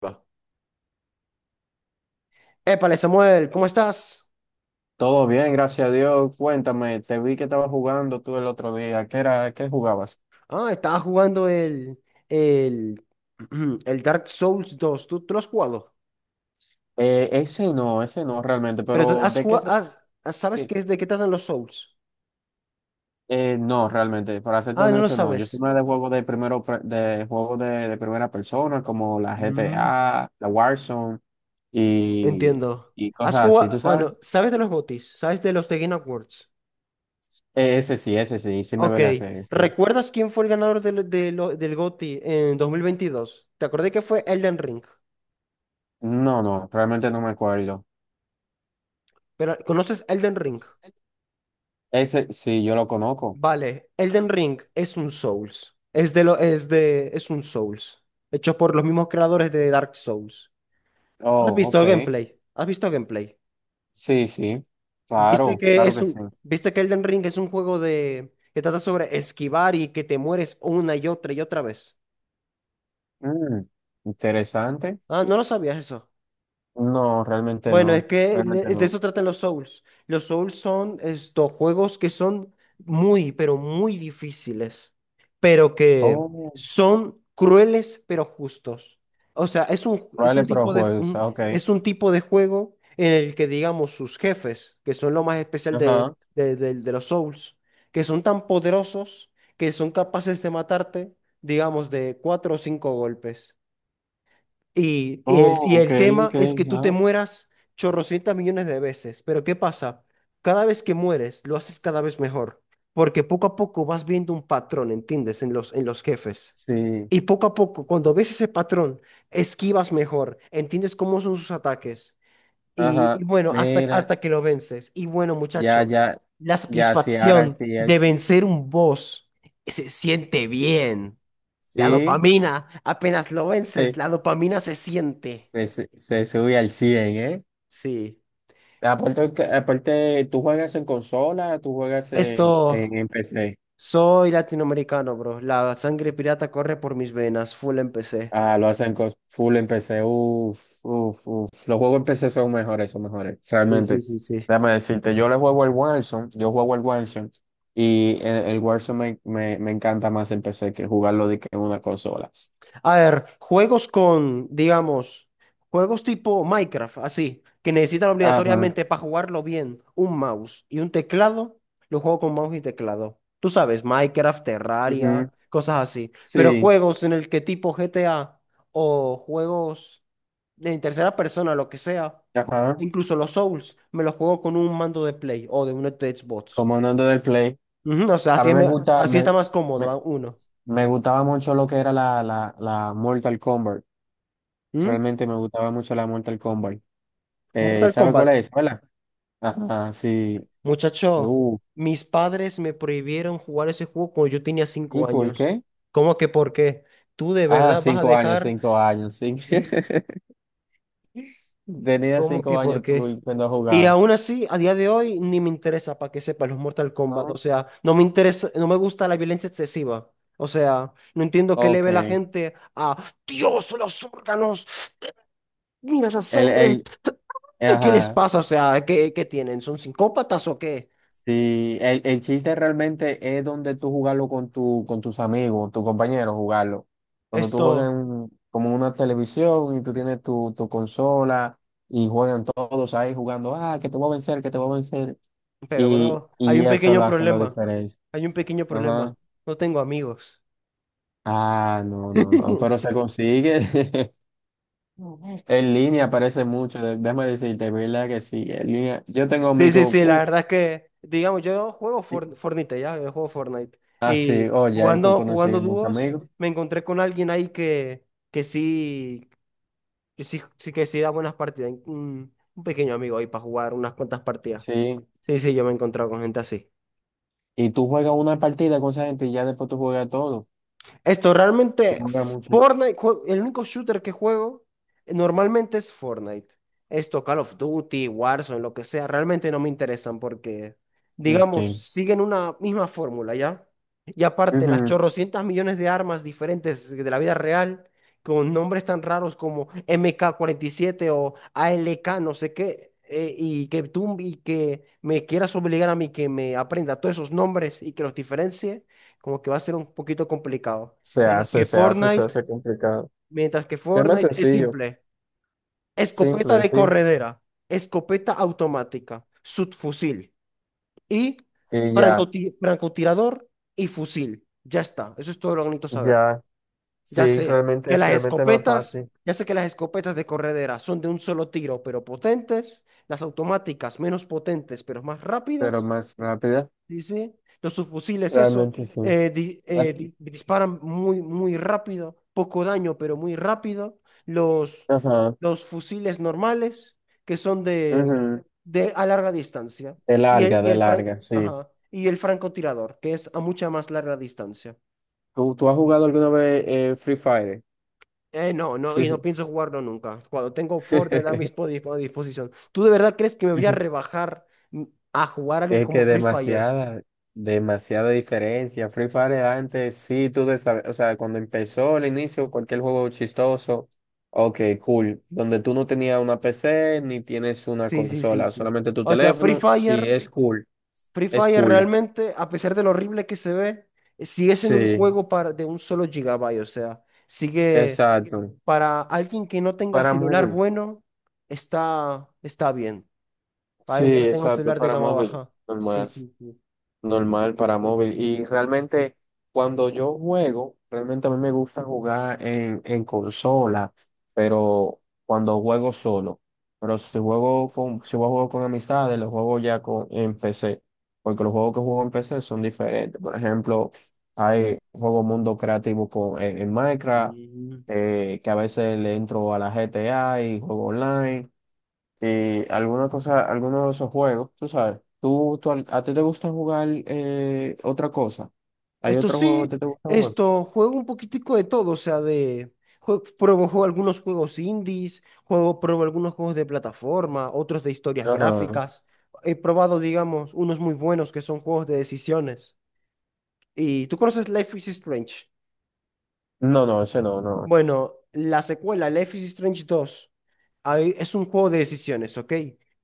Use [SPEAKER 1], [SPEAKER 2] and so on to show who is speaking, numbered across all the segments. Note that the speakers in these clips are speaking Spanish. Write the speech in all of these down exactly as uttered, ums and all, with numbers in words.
[SPEAKER 1] Va. Épale, Samuel, ¿cómo estás?
[SPEAKER 2] Todo bien, gracias a Dios. Cuéntame, te vi que estabas jugando tú el otro día. ¿Qué era? ¿Qué jugabas?
[SPEAKER 1] Ah, estaba jugando el, el, el Dark Souls dos. ¿Tú, tú lo has jugado?
[SPEAKER 2] Eh, ese no, ese no realmente,
[SPEAKER 1] Pero tú
[SPEAKER 2] pero
[SPEAKER 1] has
[SPEAKER 2] ¿de qué
[SPEAKER 1] jugado,
[SPEAKER 2] se...
[SPEAKER 1] has- has- ¿sabes
[SPEAKER 2] qué-
[SPEAKER 1] qué, de qué tratan los Souls?
[SPEAKER 2] eh, no, realmente, para serte
[SPEAKER 1] Ah, no lo
[SPEAKER 2] honesto, no. Yo soy
[SPEAKER 1] sabes.
[SPEAKER 2] más de juegos de primero pre- de juegos de, de primera persona, como la
[SPEAKER 1] Mm.
[SPEAKER 2] G T A, la Warzone y,
[SPEAKER 1] Entiendo.
[SPEAKER 2] y
[SPEAKER 1] Has
[SPEAKER 2] cosas así,
[SPEAKER 1] jugado,
[SPEAKER 2] ¿tú sabes?
[SPEAKER 1] bueno, ¿sabes de los G O T Ys? ¿Sabes de los The Game Awards?
[SPEAKER 2] Eh, ese sí, ese sí, sí me
[SPEAKER 1] Ok.
[SPEAKER 2] vele hacer, sí.
[SPEAKER 1] ¿Recuerdas quién fue el ganador del, de lo- del G O T Y en dos mil veintidós? Te acordé que fue Elden Ring.
[SPEAKER 2] No, no, realmente no me acuerdo.
[SPEAKER 1] Pero, ¿conoces Elden Ring?
[SPEAKER 2] Ese sí, yo lo conozco.
[SPEAKER 1] Vale, Elden Ring es un Souls. Es de lo, es de, es un Souls. Hecho por los mismos creadores de Dark Souls. ¿Has
[SPEAKER 2] Oh,
[SPEAKER 1] visto
[SPEAKER 2] ok.
[SPEAKER 1] gameplay? ¿Has visto gameplay?
[SPEAKER 2] Sí, sí,
[SPEAKER 1] ¿Viste
[SPEAKER 2] claro,
[SPEAKER 1] que
[SPEAKER 2] claro
[SPEAKER 1] es
[SPEAKER 2] que
[SPEAKER 1] un,
[SPEAKER 2] sí.
[SPEAKER 1] viste que Elden Ring es un juego de, que trata sobre esquivar y que te mueres una y otra y otra vez?
[SPEAKER 2] Mm, interesante.
[SPEAKER 1] Ah, no lo sabías eso.
[SPEAKER 2] No, realmente
[SPEAKER 1] Bueno, es
[SPEAKER 2] no,
[SPEAKER 1] que le-
[SPEAKER 2] realmente
[SPEAKER 1] de
[SPEAKER 2] no.
[SPEAKER 1] eso tratan los Souls. Los Souls son estos juegos que son muy, pero muy difíciles, pero que
[SPEAKER 2] Oh,
[SPEAKER 1] son crueles, pero justos. O sea, es un, es
[SPEAKER 2] Rally
[SPEAKER 1] un
[SPEAKER 2] Pro
[SPEAKER 1] tipo de,
[SPEAKER 2] Juegos,
[SPEAKER 1] un-
[SPEAKER 2] ah, ok.
[SPEAKER 1] es un tipo de juego en el que, digamos, sus jefes, que son lo más especial de,
[SPEAKER 2] Ajá.
[SPEAKER 1] de, de- de los Souls, que son tan poderosos que son capaces de matarte, digamos, de cuatro o cinco golpes. Y, y el,
[SPEAKER 2] Oh,
[SPEAKER 1] y
[SPEAKER 2] ok,
[SPEAKER 1] el tema
[SPEAKER 2] ok,
[SPEAKER 1] es que tú te
[SPEAKER 2] ajá.
[SPEAKER 1] mueras chorrocientas millones de veces. Pero ¿qué pasa? Cada vez que mueres, lo haces cada vez mejor. Porque poco a poco vas viendo un patrón, ¿entiendes? En los, en los jefes.
[SPEAKER 2] Sí,
[SPEAKER 1] Y poco a poco, cuando ves ese patrón, esquivas mejor, entiendes cómo son sus ataques. Y,
[SPEAKER 2] ajá.
[SPEAKER 1] y bueno, hasta,
[SPEAKER 2] Mira,
[SPEAKER 1] hasta que lo vences. Y bueno,
[SPEAKER 2] ya,
[SPEAKER 1] muchacho,
[SPEAKER 2] ya,
[SPEAKER 1] la
[SPEAKER 2] ya, sí, ahora
[SPEAKER 1] satisfacción
[SPEAKER 2] sí, ahí
[SPEAKER 1] de
[SPEAKER 2] sí.
[SPEAKER 1] vencer un boss se siente bien. La
[SPEAKER 2] Sí,
[SPEAKER 1] dopamina, apenas lo vences,
[SPEAKER 2] eh,
[SPEAKER 1] la dopamina se siente.
[SPEAKER 2] se, se, se sube al cien, ¿eh?
[SPEAKER 1] Sí.
[SPEAKER 2] Aparte, que- aparte, ¿tú juegas en consola? ¿Tú juegas en, en
[SPEAKER 1] Esto,
[SPEAKER 2] en P C?
[SPEAKER 1] soy latinoamericano, bro. La sangre pirata corre por mis venas. Full empecé.
[SPEAKER 2] Ah, lo hacen con full en P C. Uf, uf, uf. Los juegos en P C son mejores, son mejores.
[SPEAKER 1] Sí, sí,
[SPEAKER 2] Realmente.
[SPEAKER 1] sí, sí.
[SPEAKER 2] Déjame decirte, yo le juego el Warzone, yo juego el Warzone y el, el Warzone me, me, me encanta más en P C que jugarlo de que en una consola.
[SPEAKER 1] A ver, juegos con, digamos, juegos tipo Minecraft, así, que necesitan
[SPEAKER 2] Ajá.
[SPEAKER 1] obligatoriamente para jugarlo bien un mouse y un teclado, lo juego con mouse y teclado. Tú sabes, Minecraft, Terraria,
[SPEAKER 2] Ujú.
[SPEAKER 1] cosas así. Pero
[SPEAKER 2] Sí.
[SPEAKER 1] juegos en el que tipo G T A o juegos de en tercera persona, lo que sea,
[SPEAKER 2] Ajá.
[SPEAKER 1] incluso los Souls, me los juego con un mando de Play o de un Xbox.
[SPEAKER 2] Comandando del Play.
[SPEAKER 1] Ujú, o sea,
[SPEAKER 2] A
[SPEAKER 1] así,
[SPEAKER 2] mí
[SPEAKER 1] es
[SPEAKER 2] me
[SPEAKER 1] me-
[SPEAKER 2] gusta,
[SPEAKER 1] así
[SPEAKER 2] me,
[SPEAKER 1] está más cómodo
[SPEAKER 2] me,
[SPEAKER 1] a uno.
[SPEAKER 2] me gustaba mucho lo que era la, la, la Mortal Kombat.
[SPEAKER 1] ¿Mm?
[SPEAKER 2] Realmente me gustaba mucho la Mortal Kombat. Eh,
[SPEAKER 1] Mortal
[SPEAKER 2] ¿sabe cuál
[SPEAKER 1] Kombat.
[SPEAKER 2] es? ¿Verdad? Ajá, sí.
[SPEAKER 1] Muchacho,
[SPEAKER 2] Uh,
[SPEAKER 1] mis padres me prohibieron jugar ese juego cuando yo tenía
[SPEAKER 2] ¿y
[SPEAKER 1] cinco
[SPEAKER 2] por
[SPEAKER 1] años.
[SPEAKER 2] qué?
[SPEAKER 1] ¿Cómo que por qué? ¿Tú de
[SPEAKER 2] Ah,
[SPEAKER 1] verdad vas a
[SPEAKER 2] cinco años,
[SPEAKER 1] dejar?
[SPEAKER 2] cinco años, sí.
[SPEAKER 1] Sí,
[SPEAKER 2] Tenía
[SPEAKER 1] ¿cómo que
[SPEAKER 2] cinco
[SPEAKER 1] por
[SPEAKER 2] años tú
[SPEAKER 1] qué?
[SPEAKER 2] y cuando
[SPEAKER 1] Y
[SPEAKER 2] jugaba.
[SPEAKER 1] aún así, a día de hoy, ni me interesa, para que sepa, los Mortal Kombat.
[SPEAKER 2] Ah,
[SPEAKER 1] O sea, no me interesa, no me gusta la violencia excesiva. O sea, no entiendo qué le
[SPEAKER 2] ok.
[SPEAKER 1] ve la
[SPEAKER 2] El,
[SPEAKER 1] gente a Dios, los órganos, mira esa sangre.
[SPEAKER 2] el,
[SPEAKER 1] ¿Qué les
[SPEAKER 2] ajá.
[SPEAKER 1] pasa? O sea, ¿qué, qué tienen? ¿Son psicópatas o qué?
[SPEAKER 2] Sí, el, el chiste realmente es donde tú jugarlo con tu, con tus amigos, tus compañeros, jugarlo. Cuando tú juegas
[SPEAKER 1] Esto.
[SPEAKER 2] en, como una televisión y tú tienes tu, tu consola y juegan todos ahí jugando, ah, que te voy a vencer, que te voy a vencer.
[SPEAKER 1] Pero,
[SPEAKER 2] Y,
[SPEAKER 1] bro, hay
[SPEAKER 2] y
[SPEAKER 1] un
[SPEAKER 2] eso
[SPEAKER 1] pequeño
[SPEAKER 2] lo hace la
[SPEAKER 1] problema.
[SPEAKER 2] diferencia.
[SPEAKER 1] Hay un pequeño
[SPEAKER 2] Ajá.
[SPEAKER 1] problema. No tengo amigos.
[SPEAKER 2] Ah, no, no, no, pero se consigue. En línea aparece mucho, de- déjame decirte, verdad que sí, en línea. Yo tengo
[SPEAKER 1] Sí, sí,
[SPEAKER 2] amigos,
[SPEAKER 1] sí, la
[SPEAKER 2] uff,
[SPEAKER 1] verdad es que, digamos, yo juego For- Fortnite, ya, yo juego Fortnite. Y
[SPEAKER 2] así, oye, ahí tú
[SPEAKER 1] jugando, jugando
[SPEAKER 2] conoces muchos
[SPEAKER 1] dúos,
[SPEAKER 2] amigos,
[SPEAKER 1] me encontré con alguien ahí que, que sí, que sí, sí que sí da buenas partidas. Un, un pequeño amigo ahí para jugar unas cuantas partidas.
[SPEAKER 2] sí.
[SPEAKER 1] Sí, sí, yo me he encontrado con gente así.
[SPEAKER 2] Y tú juegas una partida con esa gente y ya después tú juegas todo.
[SPEAKER 1] Esto
[SPEAKER 2] Tú
[SPEAKER 1] realmente,
[SPEAKER 2] juegas mucho.
[SPEAKER 1] Fortnite, jue- el único shooter que juego eh, normalmente es Fortnite. Esto, Call of Duty, Warzone, lo que sea, realmente no me interesan porque,
[SPEAKER 2] Ok.
[SPEAKER 1] digamos, siguen una misma fórmula, ¿ya? Y aparte, las
[SPEAKER 2] Ujú.
[SPEAKER 1] chorrocientas millones de armas diferentes de la vida real, con nombres tan raros como M K cuarenta y siete o A L K, no sé qué, eh, y que tú y que me quieras obligar a mí que me aprenda todos esos nombres y que los diferencie como que va a ser un poquito complicado.
[SPEAKER 2] Se
[SPEAKER 1] Mientras
[SPEAKER 2] hace,
[SPEAKER 1] que
[SPEAKER 2] se hace, se
[SPEAKER 1] Fortnite,
[SPEAKER 2] hace complicado.
[SPEAKER 1] mientras que
[SPEAKER 2] Es más
[SPEAKER 1] Fortnite es
[SPEAKER 2] sencillo,
[SPEAKER 1] simple. Escopeta
[SPEAKER 2] simple,
[SPEAKER 1] de
[SPEAKER 2] sí.
[SPEAKER 1] corredera, escopeta automática, subfusil y
[SPEAKER 2] Y ya,
[SPEAKER 1] francoti- francotirador y fusil. Ya está, eso es todo lo que necesito saber.
[SPEAKER 2] ya,
[SPEAKER 1] Ya
[SPEAKER 2] sí,
[SPEAKER 1] sé
[SPEAKER 2] realmente,
[SPEAKER 1] que las
[SPEAKER 2] realmente más
[SPEAKER 1] escopetas,
[SPEAKER 2] fácil,
[SPEAKER 1] ya sé que las escopetas de corredera son de un solo tiro, pero potentes, las automáticas menos potentes, pero más
[SPEAKER 2] pero
[SPEAKER 1] rápidas.
[SPEAKER 2] más rápida.
[SPEAKER 1] Sí, sí. Los subfusiles, eso.
[SPEAKER 2] Realmente sí.
[SPEAKER 1] Eh, di- eh, di- disparan muy, muy rápido. Poco daño, pero muy rápido. Los,
[SPEAKER 2] Ajá.
[SPEAKER 1] los fusiles normales, que son de,
[SPEAKER 2] Ujú.
[SPEAKER 1] de a larga distancia.
[SPEAKER 2] De
[SPEAKER 1] Y el,
[SPEAKER 2] larga,
[SPEAKER 1] y
[SPEAKER 2] de
[SPEAKER 1] el fran-
[SPEAKER 2] larga, sí.
[SPEAKER 1] ajá, y el francotirador, que es a mucha más larga distancia.
[SPEAKER 2] ¿Tú, tú has jugado alguna vez eh, Free Fire?
[SPEAKER 1] Eh, no, no, y no pienso jugarlo nunca. Cuando tengo Fortnite a mi dispo- a disposición. ¿Tú de verdad crees que me voy a rebajar, mm, a jugar algo
[SPEAKER 2] Es
[SPEAKER 1] como
[SPEAKER 2] que
[SPEAKER 1] Free Fire?
[SPEAKER 2] demasiada, demasiada diferencia. Free Fire antes, sí, tú de saber- o sea, cuando empezó el inicio, cualquier juego chistoso, ok, cool, donde tú no tenías una P C ni tienes una
[SPEAKER 1] Sí, sí, sí,
[SPEAKER 2] consola,
[SPEAKER 1] sí.
[SPEAKER 2] solamente tu
[SPEAKER 1] O sea, Free
[SPEAKER 2] teléfono, sí,
[SPEAKER 1] Fire.
[SPEAKER 2] es cool,
[SPEAKER 1] Free
[SPEAKER 2] es
[SPEAKER 1] Fire
[SPEAKER 2] cool,
[SPEAKER 1] realmente, a pesar de lo horrible que se ve, sigue siendo un
[SPEAKER 2] sí,
[SPEAKER 1] juego para, de un solo gigabyte. O sea, sigue
[SPEAKER 2] exacto,
[SPEAKER 1] para alguien que no tenga
[SPEAKER 2] para
[SPEAKER 1] celular
[SPEAKER 2] móvil,
[SPEAKER 1] bueno, está, está bien. Para
[SPEAKER 2] sí,
[SPEAKER 1] alguien que no tenga un
[SPEAKER 2] exacto,
[SPEAKER 1] celular de
[SPEAKER 2] para
[SPEAKER 1] gama
[SPEAKER 2] móvil,
[SPEAKER 1] baja. Sí,
[SPEAKER 2] normal.
[SPEAKER 1] sí, sí.
[SPEAKER 2] Normal para móvil. Y realmente cuando yo juego, realmente a mí me gusta jugar en, en consola, pero cuando juego solo. Pero si juego con, si juego con amistades, los juego ya con, en P C, porque los juegos que juego en P C son diferentes. Por ejemplo, hay juego mundo creativo con, en, en Minecraft,
[SPEAKER 1] Mm.
[SPEAKER 2] eh, que a veces le entro a la G T A y juego online eh, alguna cosa, alguno de esos juegos, tú sabes, tú, tú al- a ti te gusta jugar eh, otra cosa. ¿Hay
[SPEAKER 1] Esto
[SPEAKER 2] otro juego que a ti
[SPEAKER 1] sí,
[SPEAKER 2] te gusta jugar?
[SPEAKER 1] esto, juego un poquitico de todo. O sea, de. jue- pruebo, juego algunos juegos indies, juego, pruebo algunos juegos de plataforma, otros de historias
[SPEAKER 2] Ajá.
[SPEAKER 1] gráficas. He probado, digamos, unos muy buenos que son juegos de decisiones. ¿Y tú conoces Life is Strange?
[SPEAKER 2] No, no, ese no, no.
[SPEAKER 1] Bueno, la secuela, Life is Strange dos, ahí es un juego de decisiones, ¿ok?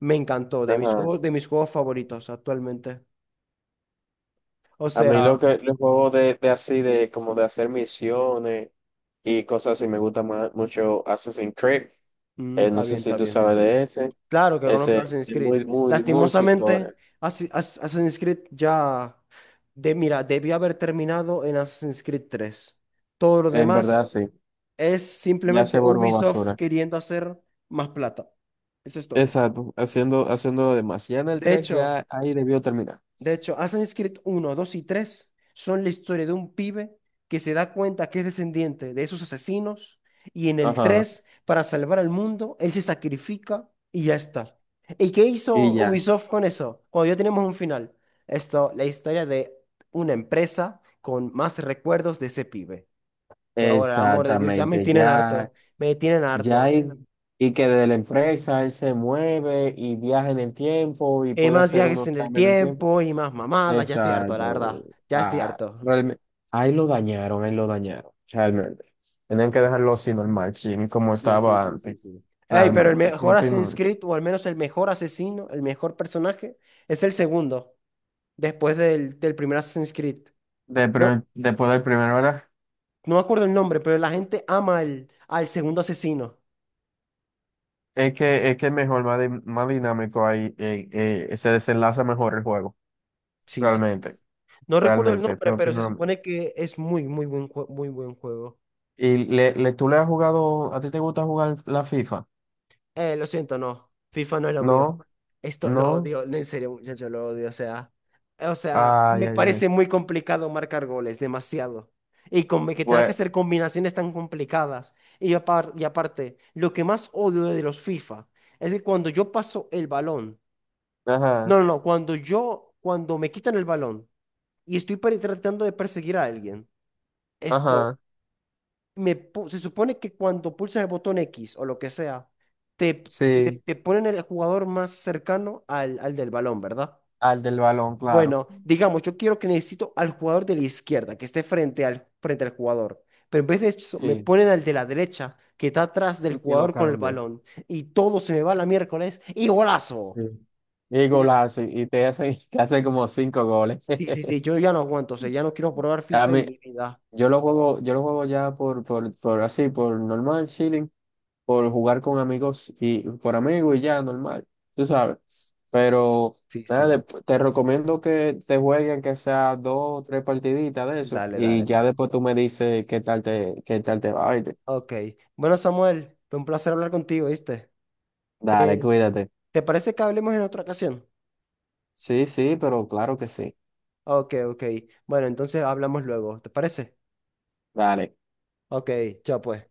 [SPEAKER 1] Me encantó, de mis
[SPEAKER 2] Ajá.
[SPEAKER 1] juegos, de mis juegos favoritos actualmente. O
[SPEAKER 2] A mí
[SPEAKER 1] sea,
[SPEAKER 2] lo que los juegos de, de así de como de hacer misiones y cosas así me gusta más mucho Assassin's Creed.
[SPEAKER 1] mm,
[SPEAKER 2] Eh,
[SPEAKER 1] está
[SPEAKER 2] no sé
[SPEAKER 1] bien,
[SPEAKER 2] si
[SPEAKER 1] está
[SPEAKER 2] tú
[SPEAKER 1] bien.
[SPEAKER 2] sabes de ese.
[SPEAKER 1] Claro que conozco
[SPEAKER 2] Ese
[SPEAKER 1] Assassin's
[SPEAKER 2] es
[SPEAKER 1] Creed.
[SPEAKER 2] muy, muy, mucha
[SPEAKER 1] Lastimosamente,
[SPEAKER 2] historia.
[SPEAKER 1] Assi- Ass- Assassin's Creed ya, de, mira, debía haber terminado en Assassin's Creed tres. Todo lo
[SPEAKER 2] En verdad,
[SPEAKER 1] demás
[SPEAKER 2] sí.
[SPEAKER 1] es
[SPEAKER 2] Ya se
[SPEAKER 1] simplemente
[SPEAKER 2] volvió
[SPEAKER 1] Ubisoft
[SPEAKER 2] basura.
[SPEAKER 1] queriendo hacer más plata. Eso es todo.
[SPEAKER 2] Exacto. Haciendo, haciendo demás. Ya en el
[SPEAKER 1] De
[SPEAKER 2] tres
[SPEAKER 1] hecho,
[SPEAKER 2] ya ahí debió terminar.
[SPEAKER 1] De hecho, Assassin's Creed uno, dos y tres son la historia de un pibe que se da cuenta que es descendiente de esos asesinos y en el
[SPEAKER 2] Ajá.
[SPEAKER 1] tres para salvar al mundo, él se sacrifica y ya está. ¿Y qué
[SPEAKER 2] Y
[SPEAKER 1] hizo
[SPEAKER 2] ya.
[SPEAKER 1] Ubisoft con eso? Cuando ya tenemos un final. Esto, la historia de una empresa con más recuerdos de ese pibe. Pero ahora, amor de Dios, ya me
[SPEAKER 2] Exactamente,
[SPEAKER 1] tienen
[SPEAKER 2] ya,
[SPEAKER 1] harto, me tienen
[SPEAKER 2] ya
[SPEAKER 1] harto.
[SPEAKER 2] y, y que de la empresa él se mueve y viaja en el tiempo y
[SPEAKER 1] Eh,
[SPEAKER 2] puede
[SPEAKER 1] más
[SPEAKER 2] hacer
[SPEAKER 1] viajes
[SPEAKER 2] unos
[SPEAKER 1] en el
[SPEAKER 2] cambios en el tiempo.
[SPEAKER 1] tiempo y más mamadas, ya estoy harto, la
[SPEAKER 2] Exacto.
[SPEAKER 1] verdad. Ya estoy
[SPEAKER 2] Ah,
[SPEAKER 1] harto.
[SPEAKER 2] realme- ahí lo dañaron, ahí lo dañaron, realmente. Tenían que dejarlo así normal, chin, como
[SPEAKER 1] Sí, sí,
[SPEAKER 2] estaba
[SPEAKER 1] sí, sí,
[SPEAKER 2] antes,
[SPEAKER 1] sí. Ey, pero el
[SPEAKER 2] realmente. ¿Qué
[SPEAKER 1] mejor
[SPEAKER 2] opino
[SPEAKER 1] Assassin's
[SPEAKER 2] de eso?
[SPEAKER 1] Creed, o al menos el mejor asesino, el mejor personaje, es el segundo, después del, del primer Assassin's Creed.
[SPEAKER 2] De
[SPEAKER 1] No,
[SPEAKER 2] pri- después del primero, ¿verdad?
[SPEAKER 1] no me acuerdo el nombre, pero la gente ama al, al segundo asesino.
[SPEAKER 2] Es que es que mejor, más, di- más dinámico ahí, eh, eh, se desenlaza mejor el juego,
[SPEAKER 1] Sí, sí.
[SPEAKER 2] realmente.
[SPEAKER 1] No recuerdo el
[SPEAKER 2] Realmente
[SPEAKER 1] nombre,
[SPEAKER 2] yo
[SPEAKER 1] pero se
[SPEAKER 2] opino lo mismo.
[SPEAKER 1] supone que es muy, muy buen, jue- muy buen juego.
[SPEAKER 2] ¿Y le, le- tú le has jugado, a ti te gusta jugar la FIFA?
[SPEAKER 1] Eh, lo siento, no. FIFA no es lo mío.
[SPEAKER 2] No,
[SPEAKER 1] Esto lo
[SPEAKER 2] no.
[SPEAKER 1] odio, no, en serio, muchachos, lo odio. O sea, o sea,
[SPEAKER 2] Ay,
[SPEAKER 1] me
[SPEAKER 2] ay, ay.
[SPEAKER 1] parece muy complicado marcar goles, demasiado. Y con que tenga que
[SPEAKER 2] Bueno,
[SPEAKER 1] hacer combinaciones tan complicadas. Y, apar- y aparte, lo que más odio de los FIFA es que cuando yo paso el balón,
[SPEAKER 2] ajá,
[SPEAKER 1] no, no, no, cuando yo, cuando me quitan el balón y estoy per- tratando de perseguir a alguien, esto
[SPEAKER 2] ajá,
[SPEAKER 1] me pu- se supone que cuando pulsas el botón X o lo que sea, te, se te,
[SPEAKER 2] sí,
[SPEAKER 1] te ponen el jugador más cercano al, al del balón, ¿verdad?
[SPEAKER 2] al del balón, claro.
[SPEAKER 1] Bueno, digamos, yo quiero que necesito al jugador de la izquierda, que esté frente al, frente al jugador. Pero en vez de eso, me
[SPEAKER 2] Sí,
[SPEAKER 1] ponen al de la derecha, que está atrás del
[SPEAKER 2] y que lo
[SPEAKER 1] jugador con el
[SPEAKER 2] cambia.
[SPEAKER 1] balón. Y todo se me va a la miércoles. ¡Y
[SPEAKER 2] Sí.
[SPEAKER 1] golazo!
[SPEAKER 2] Y
[SPEAKER 1] Y yo-
[SPEAKER 2] golazo, y te hace, te hace como cinco goles.
[SPEAKER 1] sí, sí, sí, yo ya no aguanto. O sea, ya no quiero probar
[SPEAKER 2] A
[SPEAKER 1] FIFA en
[SPEAKER 2] mí,
[SPEAKER 1] mi vida.
[SPEAKER 2] yo lo juego, yo lo juego ya por, por, por así, por normal, chilling. Por jugar con amigos y por amigos y ya, normal, tú sabes. Pero
[SPEAKER 1] Sí,
[SPEAKER 2] nada,
[SPEAKER 1] sí.
[SPEAKER 2] después te recomiendo que te jueguen que sea dos o tres partiditas de eso
[SPEAKER 1] Dale,
[SPEAKER 2] y
[SPEAKER 1] dale,
[SPEAKER 2] ya
[SPEAKER 1] dale.
[SPEAKER 2] después tú me dices qué tal te, qué tal te va, ¿oíste?
[SPEAKER 1] Ok. Bueno, Samuel, fue un placer hablar contigo, ¿viste?
[SPEAKER 2] Dale,
[SPEAKER 1] Eh,
[SPEAKER 2] cuídate.
[SPEAKER 1] ¿te parece que hablemos en otra ocasión?
[SPEAKER 2] Sí, sí, pero claro que sí.
[SPEAKER 1] Ok, ok. Bueno, entonces hablamos luego. ¿Te parece?
[SPEAKER 2] Dale.
[SPEAKER 1] Ok, chao pues.